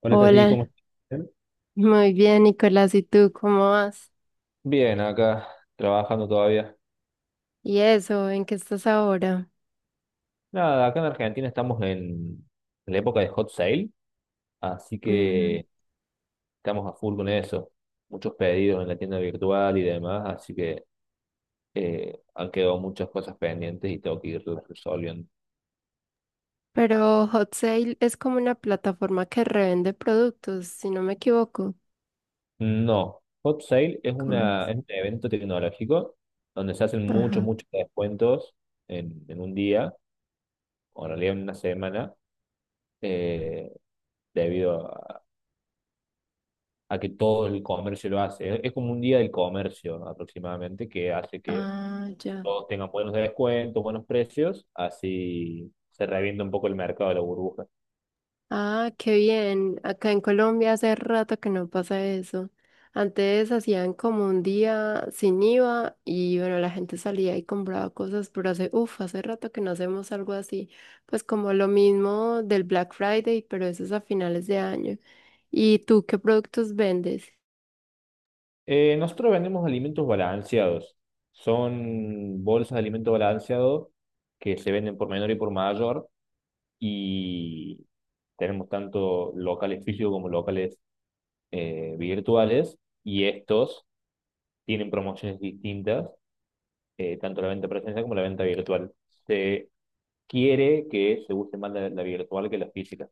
Hola Tati, ¿cómo Hola, estás? muy bien, Nicolás. ¿Y tú cómo vas? Bien, acá trabajando todavía. ¿Y eso? ¿En qué estás ahora? Nada, acá en Argentina estamos en la época de Hot Sale, así Ujú. que estamos a full con eso. Muchos pedidos en la tienda virtual y demás, así que han quedado muchas cosas pendientes y tengo que irlas resolviendo. Pero Hot Sale es como una plataforma que revende productos, si no me equivoco. No, Hot Sale es ¿Cómo una, es? es un evento tecnológico donde se hacen muchos, Ajá. muchos descuentos en un día, o en realidad en una semana, eh, debido a que todo el comercio lo hace. Es como un día del comercio, ¿no? Aproximadamente que hace que Ah, ya. todos tengan buenos descuentos, buenos precios, así se revienta un poco el mercado de la burbuja. Ah, qué bien. Acá en Colombia hace rato que no pasa eso. Antes hacían como un día sin IVA y bueno, la gente salía y compraba cosas, pero hace, uff, hace rato que no hacemos algo así. Pues como lo mismo del Black Friday, pero eso es a finales de año. ¿Y tú qué productos vendes? Nosotros vendemos alimentos balanceados. Son bolsas de alimento balanceado que se venden por menor y por mayor y tenemos tanto locales físicos como locales virtuales, y estos tienen promociones distintas, tanto la venta presencial como la venta virtual. Se quiere que se use más la virtual que la física.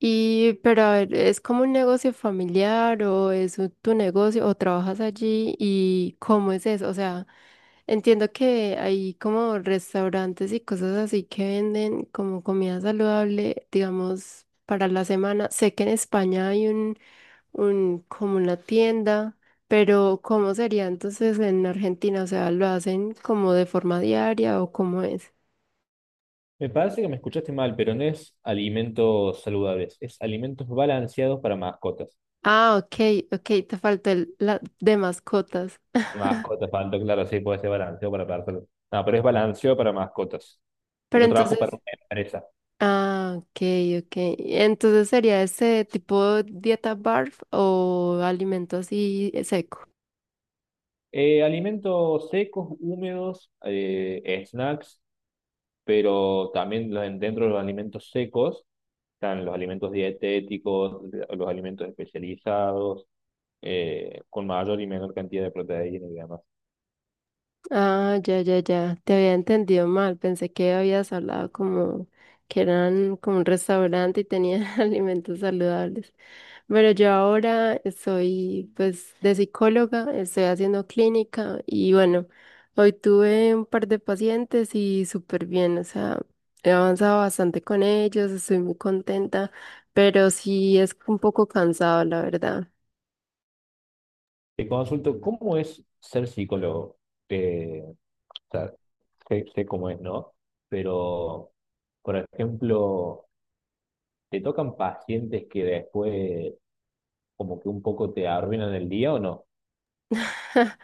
Y pero a ver, ¿es como un negocio familiar o es tu negocio o trabajas allí y cómo es eso? O sea, entiendo que hay como restaurantes y cosas así que venden como comida saludable, digamos, para la semana. Sé que en España hay un, como una tienda, pero ¿cómo sería entonces en Argentina? O sea, ¿lo hacen como de forma diaria o cómo es? Me parece que me escuchaste mal, pero no es alimentos saludables, es alimentos balanceados para mascotas. Ah, ok, ok, te faltó la de mascotas. Mascotas, falta, claro, sí, puede ser balanceado para personas. No, pero es balanceado para mascotas. Y Pero yo trabajo para entonces, una empresa. ah, ok, ok. Entonces sería ese tipo dieta barf o alimento así seco. Alimentos secos, húmedos, snacks, pero también los- dentro de los alimentos secos están los alimentos dietéticos, los alimentos especializados, con mayor y menor cantidad de proteína y demás. Ah, ya, ya, ya. Te había entendido mal. Pensé que habías hablado como que eran como un restaurante y tenían alimentos saludables. Pero yo ahora soy, pues, de psicóloga, estoy haciendo clínica y bueno, hoy tuve un par de pacientes y súper bien, o sea, he avanzado bastante con ellos, estoy muy contenta, pero sí es un poco cansado, la verdad. Te consulto, ¿cómo es ser psicólogo? O sea, sé cómo es, ¿no? Pero, por ejemplo, ¿te tocan pacientes que después como que un poco te arruinan el día o no?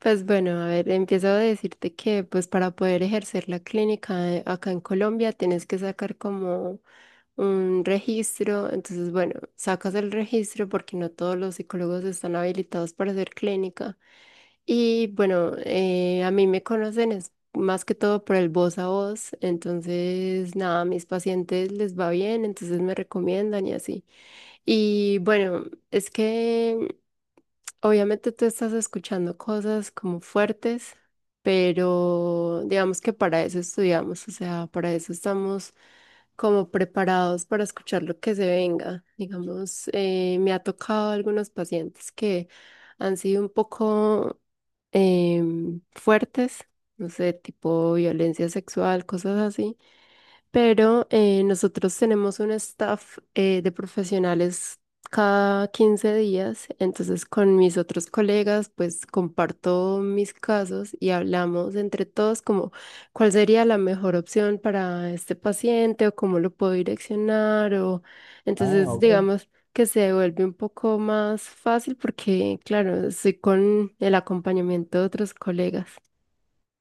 Pues bueno, a ver, empiezo a decirte que pues para poder ejercer la clínica acá en Colombia tienes que sacar como un registro, entonces bueno, sacas el registro porque no todos los psicólogos están habilitados para hacer clínica y bueno, a mí me conocen es más que todo por el voz a voz, entonces nada, a mis pacientes les va bien, entonces me recomiendan y así. Y bueno, es que obviamente tú estás escuchando cosas como fuertes, pero digamos que para eso estudiamos, o sea, para eso estamos como preparados para escuchar lo que se venga. Digamos, me ha tocado algunos pacientes que han sido un poco fuertes, no sé, tipo violencia sexual, cosas así, pero nosotros tenemos un staff de profesionales cada 15 días, entonces con mis otros colegas pues comparto mis casos y hablamos entre todos como cuál sería la mejor opción para este paciente o cómo lo puedo direccionar. O Ah, entonces ok. digamos que se vuelve un poco más fácil porque claro, estoy con el acompañamiento de otros colegas.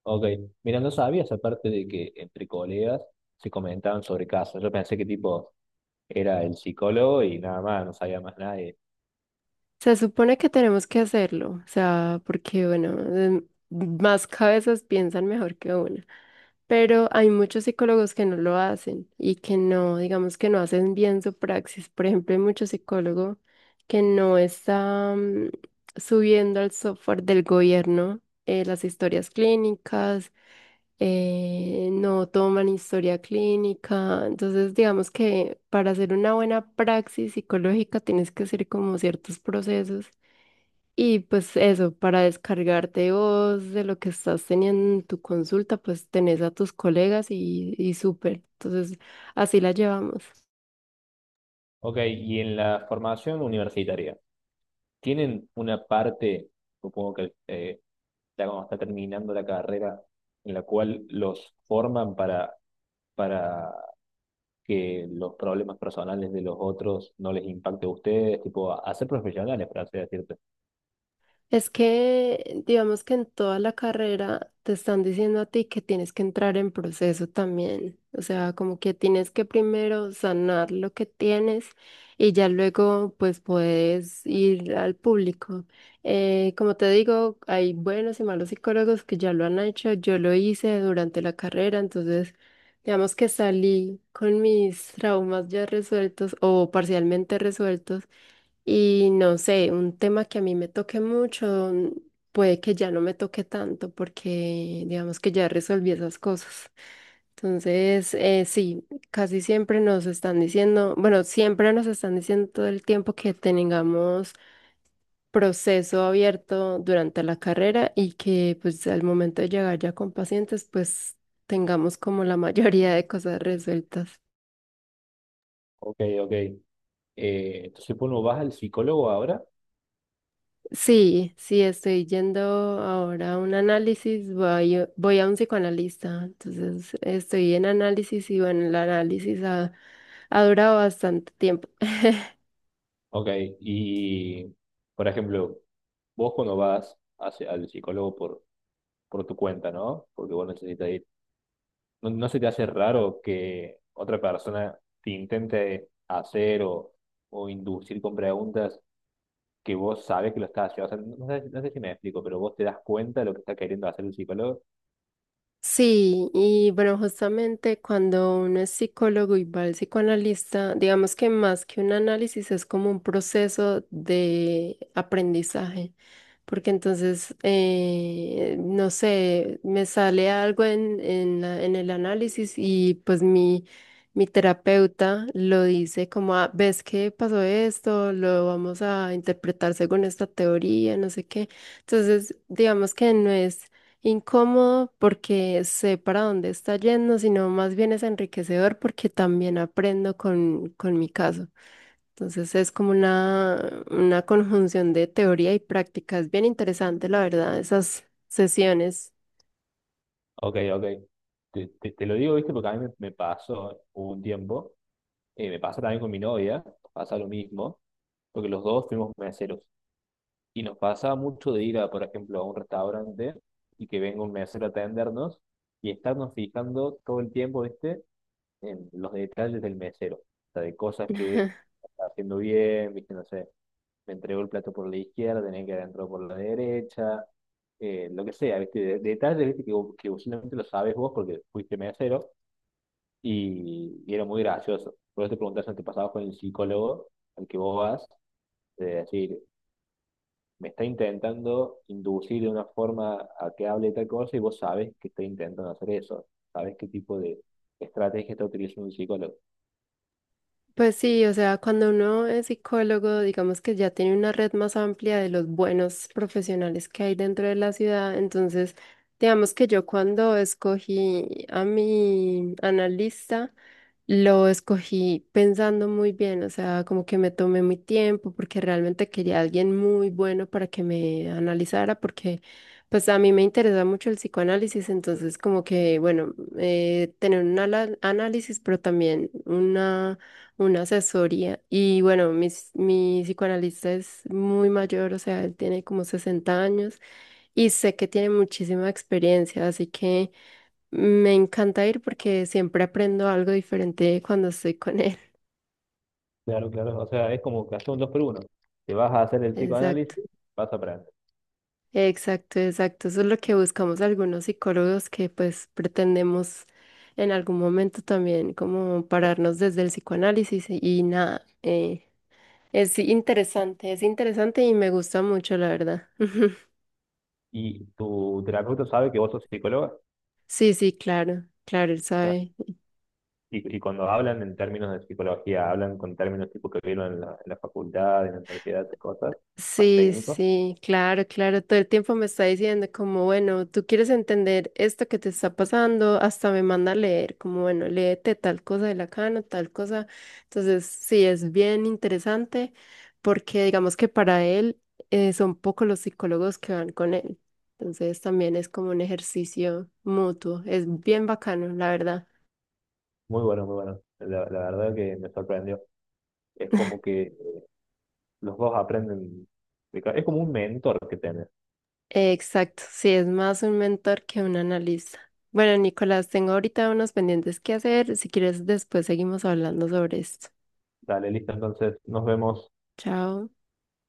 Ok, mira, no sabías aparte de que entre colegas se comentaban sobre casos. Yo pensé que tipo era el psicólogo y nada más, no sabía más nadie. Se supone que tenemos que hacerlo, o sea, porque bueno, más cabezas piensan mejor que una, pero hay muchos psicólogos que no lo hacen y que no, digamos que no hacen bien su praxis. Por ejemplo, hay muchos psicólogos que no están subiendo al software del gobierno, las historias clínicas, no toman historia clínica. Entonces, digamos que para hacer una buena praxis psicológica tienes que hacer como ciertos procesos. Y pues eso, para descargarte vos de lo que estás teniendo en tu consulta, pues tenés a tus colegas y súper. Entonces, así la llevamos. Ok, ¿y en la formación universitaria tienen una parte, supongo, que ya cuando está terminando la carrera, en la cual los forman para que los problemas personales de los otros no les impacte a ustedes, tipo, a ser profesionales, por así decirte? Es que, digamos que en toda la carrera te están diciendo a ti que tienes que entrar en proceso también. O sea, como que tienes que primero sanar lo que tienes y ya luego pues puedes ir al público. Como te digo, hay buenos y malos psicólogos que ya lo han hecho. Yo lo hice durante la carrera, entonces digamos que salí con mis traumas ya resueltos o parcialmente resueltos. Y no sé, un tema que a mí me toque mucho, puede que ya no me toque tanto porque digamos que ya resolví esas cosas. Entonces, sí, casi siempre nos están diciendo, bueno, siempre nos están diciendo todo el tiempo que tengamos proceso abierto durante la carrera y que pues al momento de llegar ya con pacientes, pues tengamos como la mayoría de cosas resueltas. Ok, ok. Entonces, uno vas al psicólogo ahora, Sí, sí, estoy yendo ahora a un análisis, voy, voy a un psicoanalista, entonces estoy en análisis y bueno, el análisis ha, ha durado bastante tiempo. ok, y, por ejemplo, vos cuando vas hacia, al psicólogo por tu cuenta, ¿no? Porque vos necesitas ir. ¿No no se te hace raro que otra persona te intente hacer o inducir con preguntas que vos sabes que lo estás haciendo? O sea, no sé, no sé si me explico, pero vos te das cuenta de lo que está queriendo hacer el psicólogo. Sí, y bueno, justamente cuando uno es psicólogo y va al psicoanalista, digamos que más que un análisis es como un proceso de aprendizaje, porque entonces, no sé, me sale algo en en el análisis y pues mi terapeuta lo dice como, "Ah, ¿ves que pasó esto? Lo vamos a interpretar según esta teoría, no sé qué". Entonces, digamos que no es incómodo porque sé para dónde está yendo, sino más bien es enriquecedor porque también aprendo con mi caso. Entonces es como una conjunción de teoría y práctica. Es bien interesante, la verdad, esas sesiones. Ok, ok. Te lo digo, ¿viste? Porque a mí me pasó un tiempo, me pasa también con mi novia, pasa lo mismo, porque los dos fuimos meseros. Y nos pasaba mucho de ir a, por ejemplo, a un restaurante y que venga un mesero a atendernos y estarnos fijando todo el tiempo, ¿viste?, en los detalles del mesero. O sea, de cosas que está haciendo bien, viste, no sé, me entregó el plato por la izquierda, tenía que haber entrado por la derecha, lo que sea, viste, de- detalles, viste, que vos solamente lo sabes vos porque fuiste mesero, y era muy gracioso. Por eso te preguntas si te pasaba con el psicólogo al que vos vas, de decir, me está intentando inducir de una forma a que hable tal cosa y vos sabes que está intentando hacer eso, sabes qué tipo de estrategia está utilizando un psicólogo. Pues sí, o sea, cuando uno es psicólogo, digamos que ya tiene una red más amplia de los buenos profesionales que hay dentro de la ciudad. Entonces, digamos que yo cuando escogí a mi analista, lo escogí pensando muy bien, o sea, como que me tomé mi tiempo porque realmente quería a alguien muy bueno para que me analizara, porque pues a mí me interesa mucho el psicoanálisis, entonces como que, bueno, tener un análisis, pero también una asesoría. Y bueno, mi psicoanalista es muy mayor, o sea, él tiene como 60 años y sé que tiene muchísima experiencia, así que... Me encanta ir porque siempre aprendo algo diferente cuando estoy con él. Claro, claro. O sea, es como que hacer un dos por uno. Te vas a hacer el Exacto, psicoanálisis, vas a aprender. exacto, exacto. Eso es lo que buscamos algunos psicólogos que pues pretendemos en algún momento también como pararnos desde el psicoanálisis y nada. Es interesante, es interesante y me gusta mucho, la verdad. Y tu terapeuta sabe que vos sos psicóloga. Sí, sí, claro, claro, él Ah. sabe. Y cuando hablan en términos de psicología, hablan con términos tipo que vieron en la facultad, en la universidad, esas cosas, más Sí, técnicos. sí, claro, claro. Todo el tiempo me está diciendo como, bueno, tú quieres entender esto que te está pasando, hasta me manda a leer, como, bueno, léete tal cosa de Lacano, tal cosa. Entonces, sí, es bien interesante porque digamos que para él son pocos los psicólogos que van con él. Entonces, también es como un ejercicio mutuo. Es bien bacano, la verdad. Muy bueno, muy bueno. La verdad que me sorprendió. Es como que los dos aprenden. De ca- Es como un mentor que tenés. Exacto, sí, es más un mentor que un analista. Bueno, Nicolás, tengo ahorita unos pendientes que hacer. Si quieres, después seguimos hablando sobre esto. Dale, listo, entonces nos vemos. Chao.